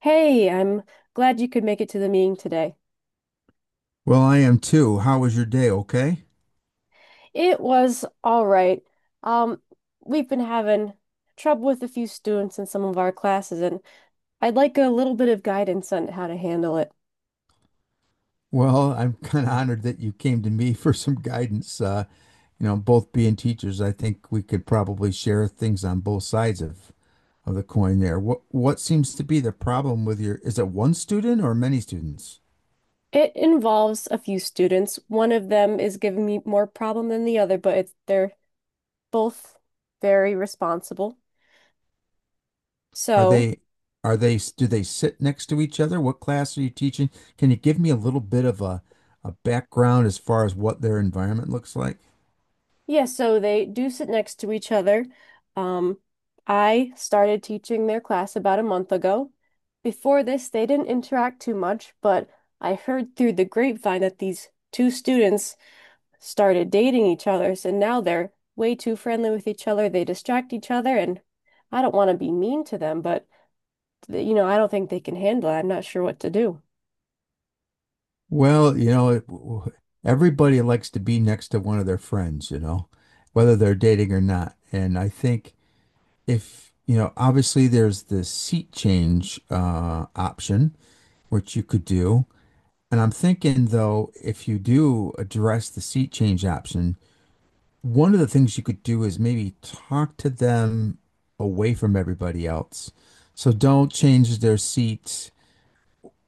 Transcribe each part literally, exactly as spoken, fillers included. Hey, I'm glad you could make it to the meeting today. Well, I am too. How was your day? Okay. It was all right. Um, we've been having trouble with a few students in some of our classes, and I'd like a little bit of guidance on how to handle it. Well, I'm kind of honored that you came to me for some guidance. Uh, you know, both being teachers, I think we could probably share things on both sides of of the coin there. What what seems to be the problem with your, is it one student or many students? It involves a few students. One of them is giving me more problem than the other, but it's, they're both very responsible. Are So they are they do they sit next to each other? What class are you teaching? Can you give me a little bit of a a background as far as what their environment looks like? yeah, so they do sit next to each other. Um, I started teaching their class about a month ago. Before this, they didn't interact too much, but I heard through the grapevine that these two students started dating each other, and now they're way too friendly with each other. They distract each other, and I don't want to be mean to them, but th- you know, I don't think they can handle it. I'm not sure what to do. Well, you know, it- w- everybody likes to be next to one of their friends, you know, whether they're dating or not. And I think if, you know, obviously there's the seat change uh, option, which you could do. And I'm thinking, though, if you do address the seat change option, one of the things you could do is maybe talk to them away from everybody else. So don't change their seats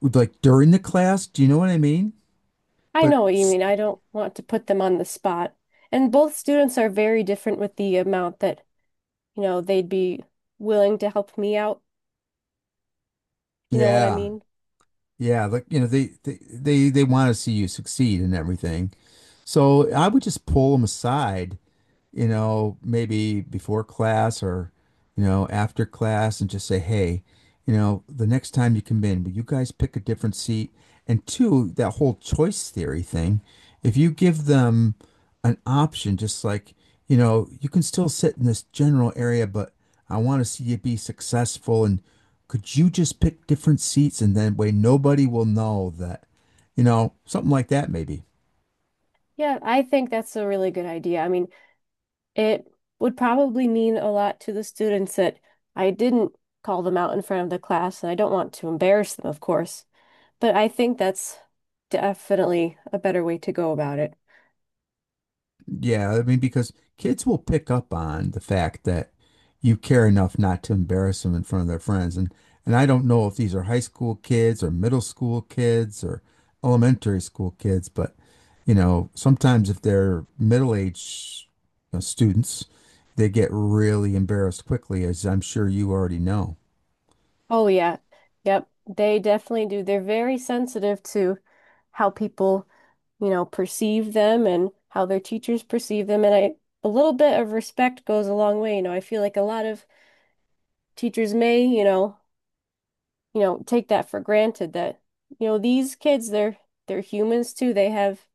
like during the class. Do you know what I mean? I But know what you s- mean. I don't want to put them on the spot. And both students are very different with the amount that, you know, they'd be willing to help me out. You know what I yeah. mean? Yeah, like you know, they they they, they want to see you succeed and everything. So I would just pull them aside, you know, maybe before class or, you know, after class and just say, hey, you know, the next time you come in, will you guys pick a different seat? And two, that whole choice theory thing, if you give them an option, just like, you know, you can still sit in this general area, but I want to see you be successful. And could you just pick different seats? And then way nobody will know that, you know, something like that, maybe. Yeah, I think that's a really good idea. I mean, it would probably mean a lot to the students that I didn't call them out in front of the class, and I don't want to embarrass them, of course. But I think that's definitely a better way to go about it. Yeah, I mean, because kids will pick up on the fact that you care enough not to embarrass them in front of their friends. And and I don't know if these are high school kids or middle school kids or elementary school kids, but you know, sometimes if they're middle-aged, you know, students, they get really embarrassed quickly, as I'm sure you already know. Oh yeah. Yep. They definitely do. They're very sensitive to how people, you know, perceive them and how their teachers perceive them. And I, a little bit of respect goes a long way. You know, I feel like a lot of teachers may, you know, you know, take that for granted that, you know, these kids, they're they're humans too. They have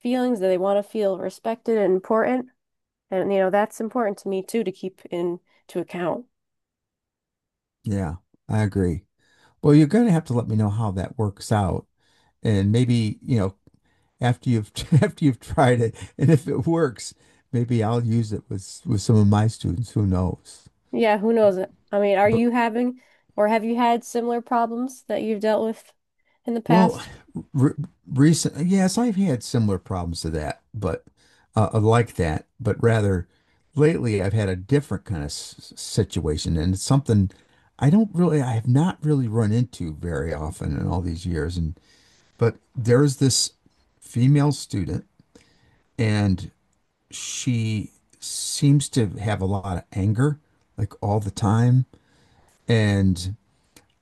feelings that they want to feel respected and important. And, you know, that's important to me too to keep in to account. Yeah, I agree. Well, you're going to have to let me know how that works out. And maybe, you know, after you've after you've tried it, and if it works, maybe I'll use it with with some of my students. Who knows? Yeah, who knows? I mean, are But you having or have you had similar problems that you've dealt with in the well, past? re- Recent yes, I've had similar problems to that, but uh, uh, like that, but rather lately I've had a different kind of s- situation, and it's something I don't really, I have not really run into very often in all these years. And but there's this female student, and she seems to have a lot of anger, like all the time. And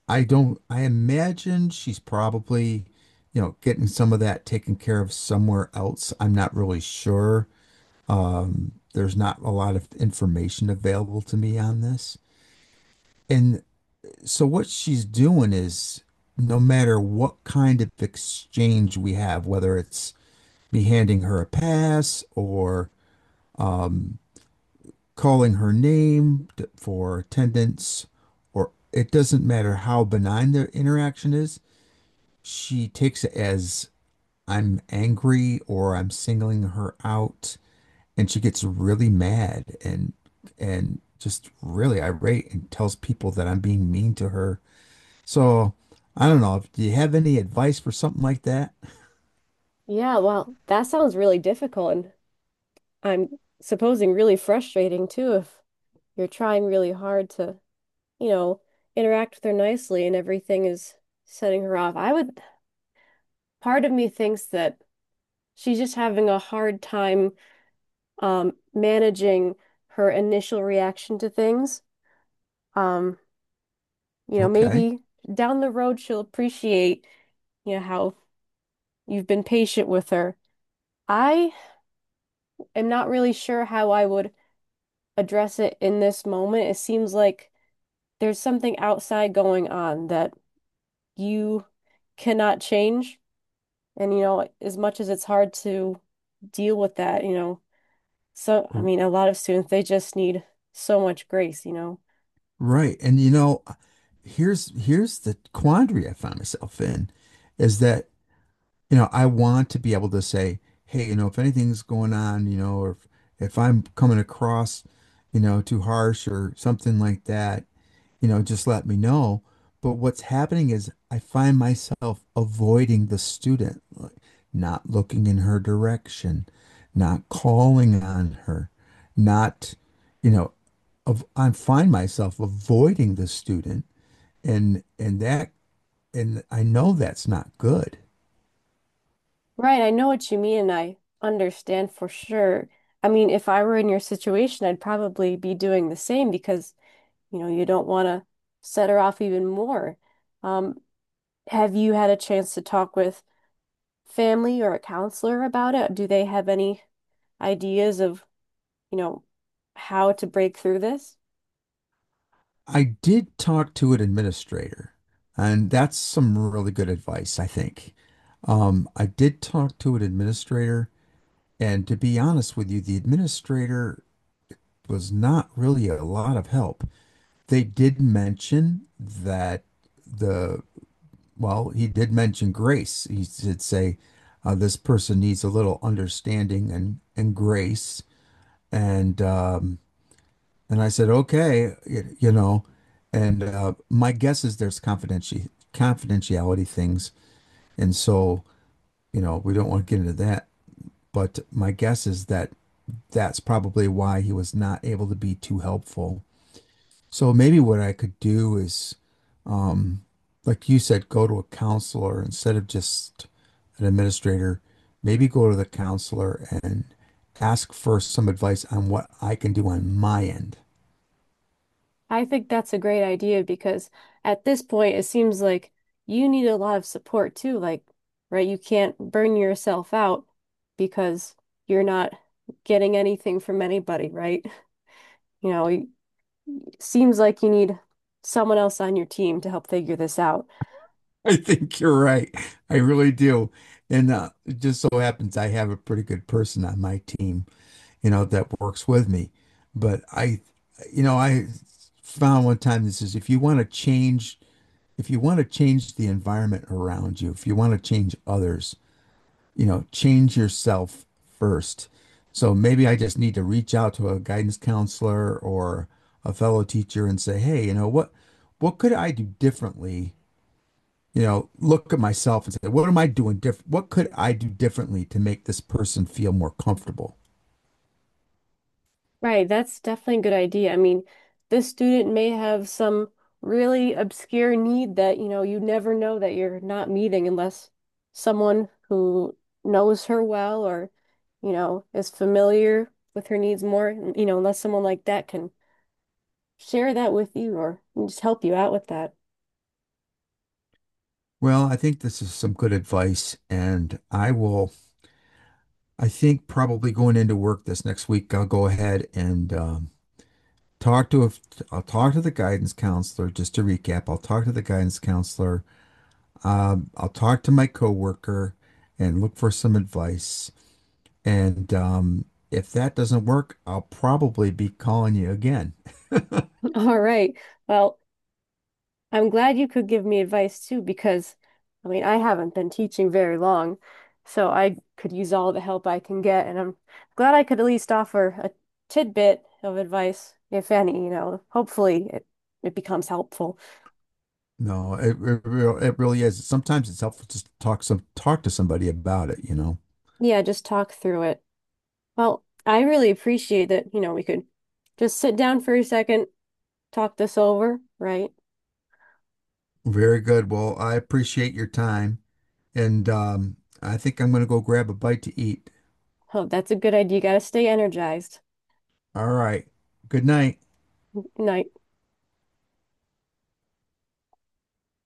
I don't, I imagine she's probably, you know, getting some of that taken care of somewhere else. I'm not really sure. There's not a lot of information available to me on this. And so what she's doing is no matter what kind of exchange we have, whether it's me handing her a pass or calling her name for attendance, or it doesn't matter how benign the interaction is, she takes it as I'm angry or I'm singling her out, and she gets really mad and and just really irate and tells people that I'm being mean to her. So I don't know. Do you have any advice for something like that? Yeah, well, that sounds really difficult and I'm supposing really frustrating too if you're trying really hard to, you know, interact with her nicely and everything is setting her off. I would, part of me thinks that she's just having a hard time um managing her initial reaction to things. Um, you know, Okay. maybe down the road she'll appreciate, you know, how you've been patient with her. I am not really sure how I would address it in this moment. It seems like there's something outside going on that you cannot change. And, you know, as much as it's hard to deal with that, you know, so, I R- mean, a lot of students, they just need so much grace, you know. Right. And you know, here's here's the quandary I found myself in is that you know, I want to be able to say, hey, you know, if anything's going on, you know, or if, if I'm coming across, you know, too harsh or something like that, you know, just let me know. But what's happening is I find myself avoiding the student, like not looking in her direction, not calling on her, not, you know, of, I find myself avoiding the student and and that and I know that's not good. Right, I know what you mean, and I understand for sure. I mean, if I were in your situation, I'd probably be doing the same because you know, you don't want to set her off even more. Um, have you had a chance to talk with family or a counselor about it? Do they have any ideas of, you know, how to break through this? I did talk to an administrator, and that's some really good advice, I think. Um, I did talk to an administrator, and to be honest with you, the administrator was not really a lot of help. They did mention that the, well, he did mention grace. He did say uh, this person needs a little understanding and, and grace. And um, And I said, okay, y- you know, and uh, my guess is there's confidenti confidentiality things, and so you know we don't want to get into that. But my guess is that that's probably why he was not able to be too helpful. So maybe what I could do is, like you said, go to a counselor instead of just an administrator. Maybe go to the counselor and ask for some advice on what I can do on my end. I think that's a great idea because at this point, it seems like you need a lot of support too. Like, right, you can't burn yourself out because you're not getting anything from anybody, right? You know, it seems like you need someone else on your team to help figure this out. I think you're right. I really do. And uh, it just so happens I have a pretty good person on my team, you know, that works with me. But I, you know, I found one time this is if you want to change, if you want to change the environment around you, if you want to change others, you know, change yourself first. So maybe I just need to reach out to a guidance counselor or a fellow teacher and say, hey, you know, what, what could I do differently? You know, look at myself and say, what am I doing different? What could I do differently to make this person feel more comfortable? Right, that's definitely a good idea. I mean, this student may have some really obscure need that, you know, you never know that you're not meeting unless someone who knows her well or, you know, is familiar with her needs more, you know, unless someone like that can share that with you or just help you out with that. Well, I think this is some good advice. And I will, I think probably going into work this next week, I'll go ahead and um, talk to, a, I'll talk to the guidance counselor, just to recap, I'll talk to the guidance counselor. Um, I'll talk to my coworker and look for some advice. And um, if that doesn't work, I'll probably be calling you again. All right. Well, I'm glad you could give me advice too, because I mean, I haven't been teaching very long, so I could use all the help I can get, and I'm glad I could at least offer a tidbit of advice, if any, you know, hopefully it, it becomes helpful. No, it, it real it really is. Sometimes it's helpful to talk some talk to somebody about it, you know. Yeah, just talk through it. Well, I really appreciate that, you know, we could just sit down for a second, talk this over, right? Very good. Well, I appreciate your time, and um, I think I'm going to go grab a bite to eat. Oh, that's a good idea. You gotta stay energized. All right. Good night. Night.